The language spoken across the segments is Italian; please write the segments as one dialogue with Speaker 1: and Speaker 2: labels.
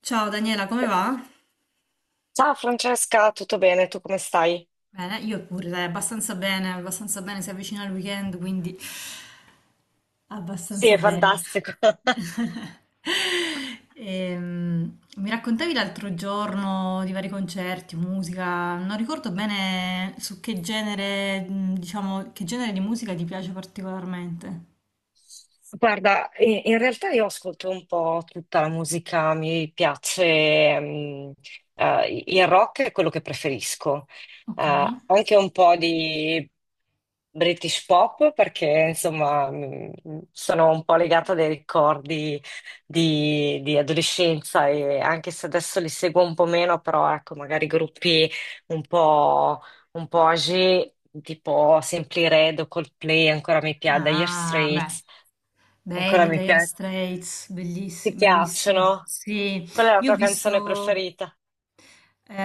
Speaker 1: Ciao Daniela, come va?
Speaker 2: Ciao Francesca, tutto bene? Tu come stai?
Speaker 1: Bene, io pure, dai, abbastanza bene, si avvicina il weekend, quindi
Speaker 2: Sì,
Speaker 1: abbastanza
Speaker 2: è
Speaker 1: bene.
Speaker 2: fantastico.
Speaker 1: Mi raccontavi l'altro giorno di vari concerti, musica, non ricordo bene su che genere, diciamo, che genere di musica ti piace particolarmente.
Speaker 2: Guarda, in realtà io ascolto un po' tutta la musica, mi piace, il rock è quello che preferisco.
Speaker 1: Ok.
Speaker 2: Anche un po' di British pop, perché insomma sono un po' legata dai ricordi di adolescenza, e anche se adesso li seguo un po' meno, però ecco, magari gruppi un po', un po' âgé, tipo Simply Red o Coldplay ancora mi piace, Dire
Speaker 1: Ah, beh.
Speaker 2: Straits. Ancora
Speaker 1: Belli,
Speaker 2: mi
Speaker 1: Dire
Speaker 2: pia-
Speaker 1: Straits,
Speaker 2: ti
Speaker 1: bellissimi, bravissimi.
Speaker 2: piacciono?
Speaker 1: Sì,
Speaker 2: Qual è la
Speaker 1: io ho
Speaker 2: tua canzone
Speaker 1: visto...
Speaker 2: preferita?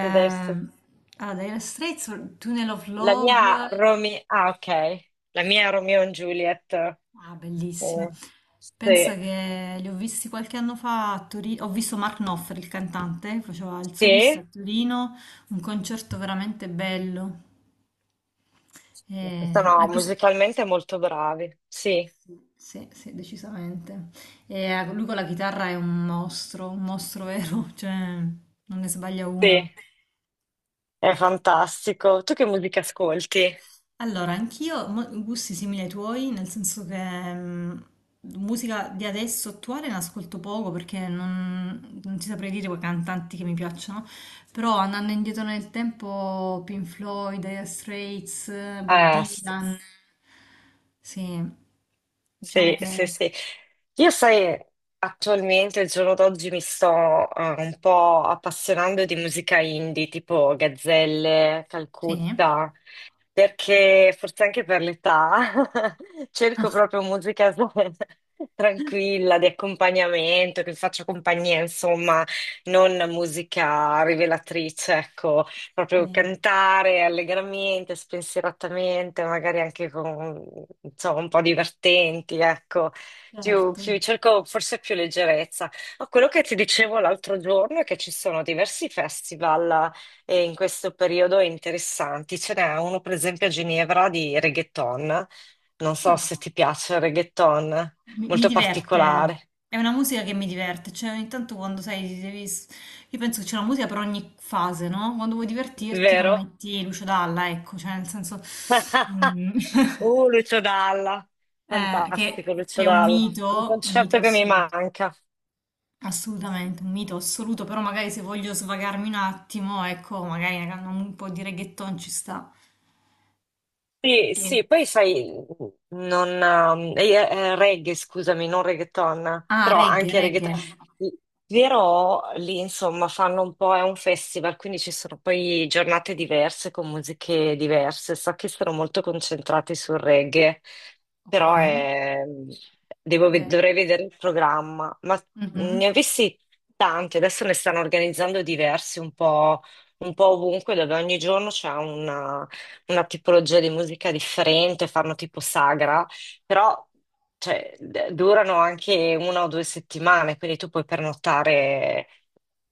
Speaker 2: Vedessi.
Speaker 1: allora, Dire Straits, Tunnel of Love,
Speaker 2: Ah, ok. La mia Romeo and Juliet.
Speaker 1: ah, bellissima. Pensa
Speaker 2: Sì.
Speaker 1: che li ho visti qualche anno fa a Torino. Ho visto Mark Knopfler, il cantante, faceva il solista a
Speaker 2: Sì.
Speaker 1: Torino, un concerto veramente bello.
Speaker 2: Sono
Speaker 1: Anche se...
Speaker 2: musicalmente molto bravi. Sì.
Speaker 1: Sì, sì, decisamente. E lui con la chitarra è un mostro vero, cioè non ne sbaglia una.
Speaker 2: Sì. È fantastico. Tu che musica ascolti?
Speaker 1: Allora, anch'io mo- gusti simili ai tuoi, nel senso che musica di adesso attuale ne ascolto poco perché non ti saprei dire quei cantanti che mi piacciono, però andando indietro nel tempo, Pink Floyd, Dire Straits, Bob
Speaker 2: Eh,
Speaker 1: Dylan, sì, diciamo
Speaker 2: Sì, sì,
Speaker 1: che
Speaker 2: sì. Io sai, attualmente, il giorno d'oggi, mi sto un po' appassionando di musica indie, tipo Gazzelle,
Speaker 1: sì,
Speaker 2: Calcutta, perché forse anche per l'età cerco proprio musica tranquilla, di accompagnamento, che faccia compagnia, insomma, non musica rivelatrice, ecco
Speaker 1: sì,
Speaker 2: proprio cantare allegramente, spensieratamente, magari anche con, insomma, un po' divertenti, ecco. Più,
Speaker 1: certo.
Speaker 2: più- cerco forse più leggerezza. Ma quello che ti dicevo l'altro giorno è che ci sono diversi festival in questo periodo interessanti. Ce n'è uno, per esempio, a Ginevra di reggaeton. Non so se
Speaker 1: Ah.
Speaker 2: ti piace il reggaeton,
Speaker 1: Mi
Speaker 2: molto
Speaker 1: diverte,
Speaker 2: particolare,
Speaker 1: è una musica che mi diverte, cioè ogni tanto quando sai, ti devi... Io penso che c'è una musica per ogni fase, no? Quando vuoi divertirti non
Speaker 2: vero?
Speaker 1: metti Lucio Dalla, ecco, cioè nel senso mm,
Speaker 2: Uh, Lucio Dalla,
Speaker 1: che,
Speaker 2: fantastico
Speaker 1: che
Speaker 2: Lucio
Speaker 1: è
Speaker 2: Dalla, un
Speaker 1: un mito
Speaker 2: concerto che mi
Speaker 1: assoluto,
Speaker 2: manca.
Speaker 1: assolutamente, un mito assoluto, però magari se voglio svagarmi un attimo, ecco, magari una can- un po' di reggaeton ci sta.
Speaker 2: Sì,
Speaker 1: E-
Speaker 2: sì, poi sai, non, reggae, scusami, non reggaeton,
Speaker 1: Ah,
Speaker 2: però
Speaker 1: reggae,
Speaker 2: anche reggaeton.
Speaker 1: reggae,
Speaker 2: Però lì insomma fanno un po', è un festival, quindi ci sono poi giornate diverse con musiche diverse. So che sono molto concentrati sul reggae,
Speaker 1: ok,
Speaker 2: però è- devo ve-
Speaker 1: beh,
Speaker 2: dovrei vedere il programma. Ma
Speaker 1: mhm,
Speaker 2: ne ho visti tanti, adesso ne stanno organizzando diversi un po' ovunque, dove ogni giorno c'è una tipologia di musica differente, fanno tipo sagra, però cioè, durano anche una o due settimane, quindi tu puoi pernottare,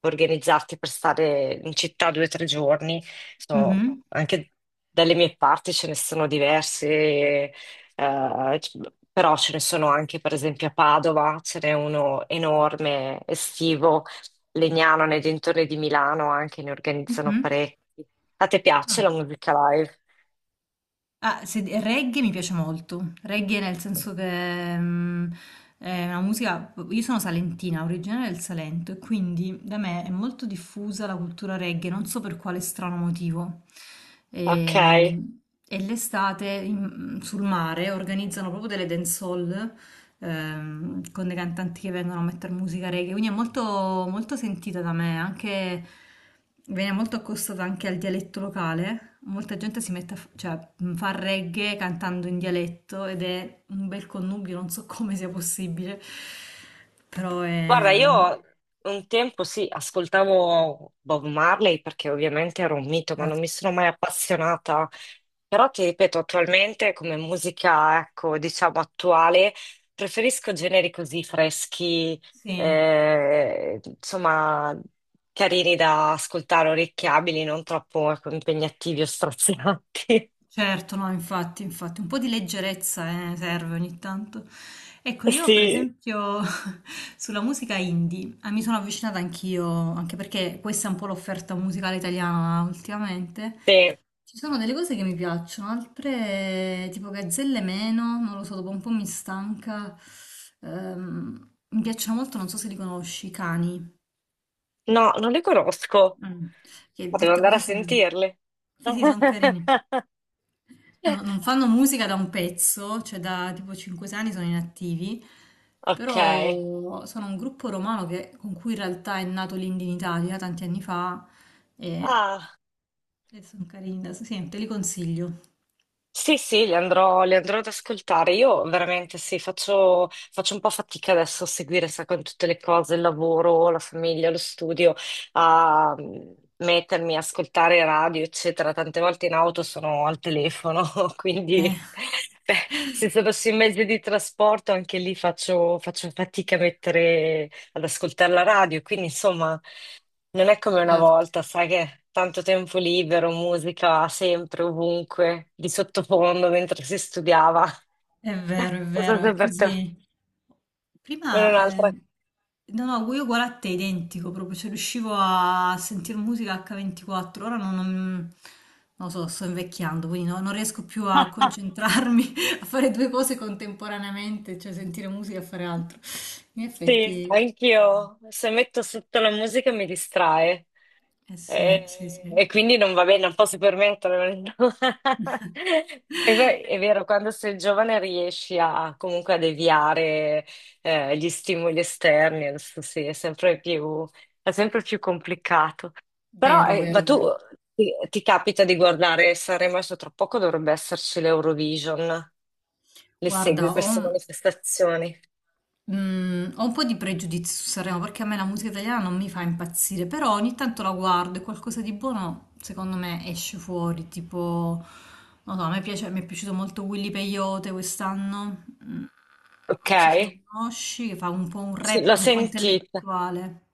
Speaker 2: organizzarti per stare in città due o tre giorni. Insomma,
Speaker 1: mhm,
Speaker 2: anche dalle mie parti ce ne sono diversi, c- però ce ne sono anche per esempio a Padova, ce n'è uno enorme, estivo, Legnano, nei dintorni di Milano anche ne organizzano
Speaker 1: mhm.
Speaker 2: parecchi. A te piace
Speaker 1: Ah.
Speaker 2: la musica live?
Speaker 1: Ah, reggae mi piace molto. Reggae nel senso che è una musica. Io sono salentina, originaria del Salento, e quindi da me è molto diffusa la cultura reggae, non so per quale strano motivo.
Speaker 2: Ok,
Speaker 1: Ehm, E, l'estate sul mare organizzano proprio delle dancehall con dei cantanti che vengono a mettere musica reggae, quindi è molto, molto sentita da me, anche, viene molto accostata anche al dialetto locale, molta gente si mette a, cioè, fa reggae cantando in dialetto ed è un bel connubio, non so come sia possibile, però
Speaker 2: guarda,
Speaker 1: è...
Speaker 2: io un tempo sì, ascoltavo Bob Marley perché ovviamente era un mito, ma non mi
Speaker 1: certo,
Speaker 2: sono mai appassionata. Però ti ripeto, attualmente come musica, ecco, diciamo attuale, preferisco generi così freschi,
Speaker 1: sì.
Speaker 2: insomma, carini da ascoltare, orecchiabili, non troppo, ecco, impegnativi o strazianti.
Speaker 1: Certo, no, infatti, infatti, un po' di leggerezza, serve ogni tanto. Ecco, io per
Speaker 2: Sì,
Speaker 1: esempio sulla musica indie mi sono avvicinata anch'io, anche perché questa è un po' l'offerta musicale italiana ultimamente.
Speaker 2: sì.
Speaker 1: Ci sono delle cose che mi piacciono, altre tipo Gazzelle meno, non lo so, dopo un po' mi stanca. Mi piacciono molto, non so se li conosci, i Cani.
Speaker 2: No, non li conosco.
Speaker 1: Mm. Che
Speaker 2: Potevo
Speaker 1: detta
Speaker 2: andare
Speaker 1: così
Speaker 2: a
Speaker 1: sono...
Speaker 2: sentirli.
Speaker 1: Sì, sì, sono carini. Non fanno musica da un pezzo, cioè da tipo 5 anni sono inattivi,
Speaker 2: Ok.
Speaker 1: però sono un gruppo romano con cui in realtà è nato l'Indie in Italia tanti anni fa e,
Speaker 2: Ah,
Speaker 1: e sono carini, sì, te li consiglio.
Speaker 2: sì, sì, li andrò ad ascoltare. Io veramente sì, faccio un po' fatica adesso a seguire, sai, con tutte le cose, il lavoro, la famiglia, lo studio, a mettermi a ascoltare radio, eccetera. Tante volte in auto sono al telefono,
Speaker 1: Eh.
Speaker 2: quindi beh, se fossi in mezzo di trasporto anche lì faccio fatica a mettere, ad ascoltare la radio. Quindi, insomma. Non è come una volta, sai che tanto tempo libero, musica sempre, ovunque, di sottofondo mentre si studiava.
Speaker 1: È vero, è
Speaker 2: Non so
Speaker 1: vero, è
Speaker 2: se per te
Speaker 1: così.
Speaker 2: non è
Speaker 1: Prima,
Speaker 2: un'altra.
Speaker 1: no, no, io uguale a te, identico, proprio, cioè riuscivo a sentire musica H24, ora non lo so, sto invecchiando, quindi non riesco più a concentrarmi, a fare due cose contemporaneamente, cioè sentire musica e fare altro. In
Speaker 2: Sì,
Speaker 1: effetti,
Speaker 2: anch'io. Se metto sotto la musica mi distrae.
Speaker 1: eh sì, sì,
Speaker 2: E,
Speaker 1: sì.
Speaker 2: e quindi non va bene, non posso permettermelo. E poi è vero, quando sei giovane riesci a comunque a deviare gli stimoli esterni, adesso sì, è sempre più complicato. Però,
Speaker 1: Vero, vero,
Speaker 2: ma tu
Speaker 1: vero.
Speaker 2: ti capita di guardare Sanremo adesso tra poco dovrebbe esserci l'Eurovision. Le
Speaker 1: Guarda,
Speaker 2: segui
Speaker 1: ho,
Speaker 2: queste manifestazioni?
Speaker 1: Mm, ho un po' di pregiudizio su Sanremo perché a me la musica italiana non mi fa impazzire, però ogni tanto la guardo e qualcosa di buono secondo me esce fuori, tipo, non so, a me piace, mi è piaciuto molto Willy Peyote quest'anno.
Speaker 2: Ok?
Speaker 1: Non so se lo conosci, che fa un po' un
Speaker 2: Sì,
Speaker 1: rap
Speaker 2: l'ho
Speaker 1: un po'
Speaker 2: sentita.
Speaker 1: intellettuale,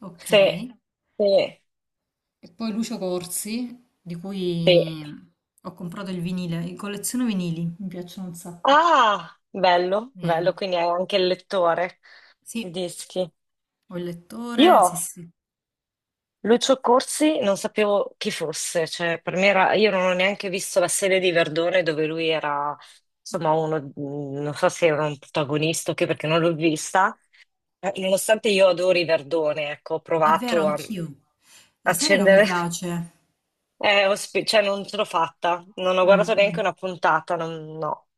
Speaker 1: ok?
Speaker 2: Sì,
Speaker 1: E
Speaker 2: sì,
Speaker 1: poi Lucio Corsi, di
Speaker 2: sì.
Speaker 1: cui ho comprato il vinile, colleziono vinili, mi piacciono un sacco.
Speaker 2: Ah, bello,
Speaker 1: Eh,
Speaker 2: bello, quindi hai anche il lettore di
Speaker 1: sì,
Speaker 2: dischi.
Speaker 1: ho il lettore,
Speaker 2: Io,
Speaker 1: sì, sì.
Speaker 2: Lucio Corsi, non sapevo chi fosse, cioè per me era, io non ho neanche visto la serie di Verdone dove lui era, insomma, uno, non so se era un protagonista o che, perché non l'ho vista. Nonostante io adori Verdone, ecco, ho
Speaker 1: È vero,
Speaker 2: provato a
Speaker 1: anch'io. La serie non mi
Speaker 2: accendere.
Speaker 1: piace.
Speaker 2: Cioè, non ce l'ho fatta, non ho
Speaker 1: Mm,
Speaker 2: guardato neanche
Speaker 1: mm,
Speaker 2: una puntata, no.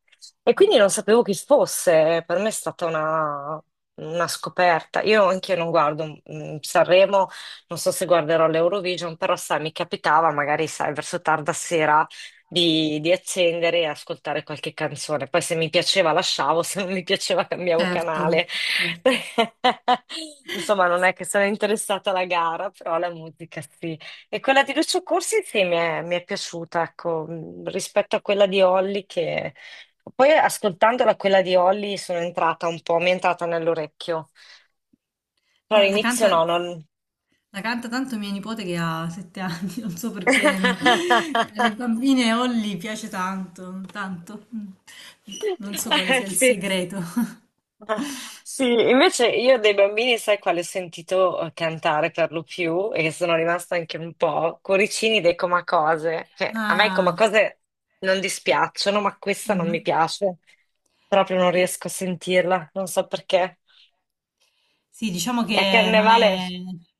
Speaker 2: E
Speaker 1: mm.
Speaker 2: quindi non sapevo chi fosse, per me è stata una scoperta. Io anche non guardo Sanremo, non so se guarderò l'Eurovision, però sai, mi capitava magari, sai, verso tarda sera di accendere e ascoltare qualche canzone. Poi se mi piaceva lasciavo, se non mi piaceva cambiavo
Speaker 1: Certo,
Speaker 2: canale.
Speaker 1: certo.
Speaker 2: Insomma, non è che sono interessata alla gara, però la musica sì. E quella di Lucio Corsi sì, mi è piaciuta, ecco, rispetto a quella di Olli che. Poi ascoltandola quella di Olli sono entrata un po', mi è entrata nell'orecchio. Però
Speaker 1: La, la
Speaker 2: all'inizio
Speaker 1: canta,
Speaker 2: no, non.
Speaker 1: la canta tanto mia nipote che ha 7 anni, non so perché. Alle bambine Holly piace tanto, tanto. Mm. Non so quale sia il
Speaker 2: Sì.
Speaker 1: segreto.
Speaker 2: Ah, sì, invece io dei bambini, sai quale ho sentito cantare per lo più e che sono rimasta anche un po'? Cuoricini dei Comacose. Cioè, a me i
Speaker 1: Ah,
Speaker 2: Comacose non dispiacciono, ma questa non mi
Speaker 1: mhm.
Speaker 2: piace. Proprio non
Speaker 1: Eh,
Speaker 2: riesco a sentirla, non so perché.
Speaker 1: sì, diciamo
Speaker 2: E a
Speaker 1: che non
Speaker 2: Carnevale.
Speaker 1: è,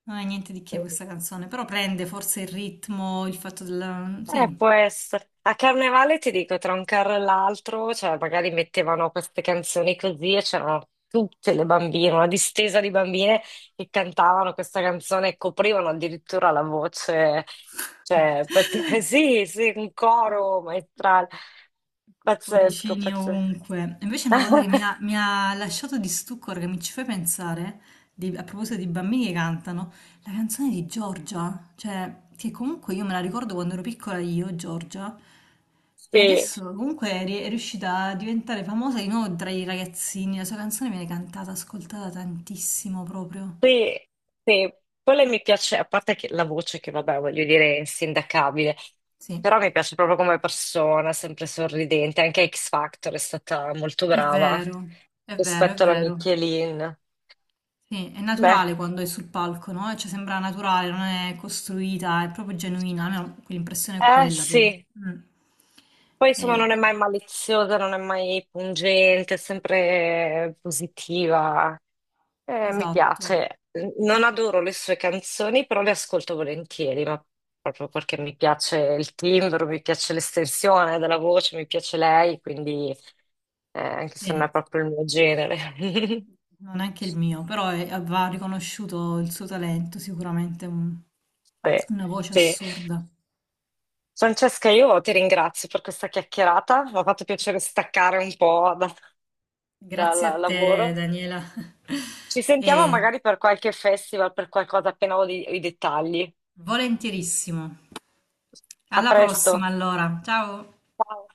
Speaker 1: non è niente di che
Speaker 2: mm,
Speaker 1: questa canzone, però prende forse il ritmo, il fatto della...
Speaker 2: Eh,
Speaker 1: Sì.
Speaker 2: può essere. A Carnevale ti dico, tra un carro e l'altro, cioè magari mettevano queste canzoni così e c'erano tutte le bambine, una distesa di bambine che cantavano questa canzone e coprivano addirittura la voce, cioè. Sì, sì, un
Speaker 1: Oh,
Speaker 2: coro maestrale. Pazzesco,
Speaker 1: Cuoricini
Speaker 2: pazzesco.
Speaker 1: ovunque. Invece una cosa che mi ha lasciato di stucco, ora che mi ci fai pensare, a proposito di bambini che cantano, la canzone di Giorgia, cioè che comunque io me la ricordo quando ero piccola io, Giorgia, e
Speaker 2: Sì.
Speaker 1: adesso comunque è riuscita a diventare famosa di nuovo tra i ragazzini, la sua canzone viene cantata, ascoltata tantissimo proprio.
Speaker 2: Sì, sì, quella mi piace, a parte che la voce che vabbè, voglio dire, è insindacabile,
Speaker 1: Sì,
Speaker 2: però mi piace proprio come persona, sempre sorridente, anche a X Factor è stata molto
Speaker 1: è
Speaker 2: brava
Speaker 1: vero, è vero, è
Speaker 2: rispetto alla
Speaker 1: vero.
Speaker 2: Michelin.
Speaker 1: Sì, è
Speaker 2: Beh,
Speaker 1: naturale quando è sul palco, no? Cioè sembra naturale, non è costruita, è proprio genuina, almeno l'impressione è
Speaker 2: eh
Speaker 1: quella poi.
Speaker 2: sì,
Speaker 1: Mm.
Speaker 2: poi insomma
Speaker 1: Eh,
Speaker 2: non è mai maliziosa, non è mai pungente, è sempre positiva. Mi
Speaker 1: esatto,
Speaker 2: piace, non adoro le sue canzoni, però le ascolto volentieri, ma proprio perché mi piace il timbro, mi piace l'estensione della voce, mi piace lei, quindi anche se non
Speaker 1: sì.
Speaker 2: è proprio il mio genere.
Speaker 1: Non è anche il mio, però va riconosciuto il suo talento, sicuramente
Speaker 2: Sì,
Speaker 1: una voce
Speaker 2: sì.
Speaker 1: assurda.
Speaker 2: Francesca, io ti ringrazio per questa chiacchierata, mi ha fatto piacere staccare un po' dal
Speaker 1: Grazie a te,
Speaker 2: lavoro.
Speaker 1: Daniela.
Speaker 2: Ci sentiamo
Speaker 1: E
Speaker 2: magari per qualche festival, per qualcosa appena ho i dettagli.
Speaker 1: volentierissimo.
Speaker 2: A
Speaker 1: Alla
Speaker 2: presto.
Speaker 1: prossima, allora. Ciao.
Speaker 2: Ciao.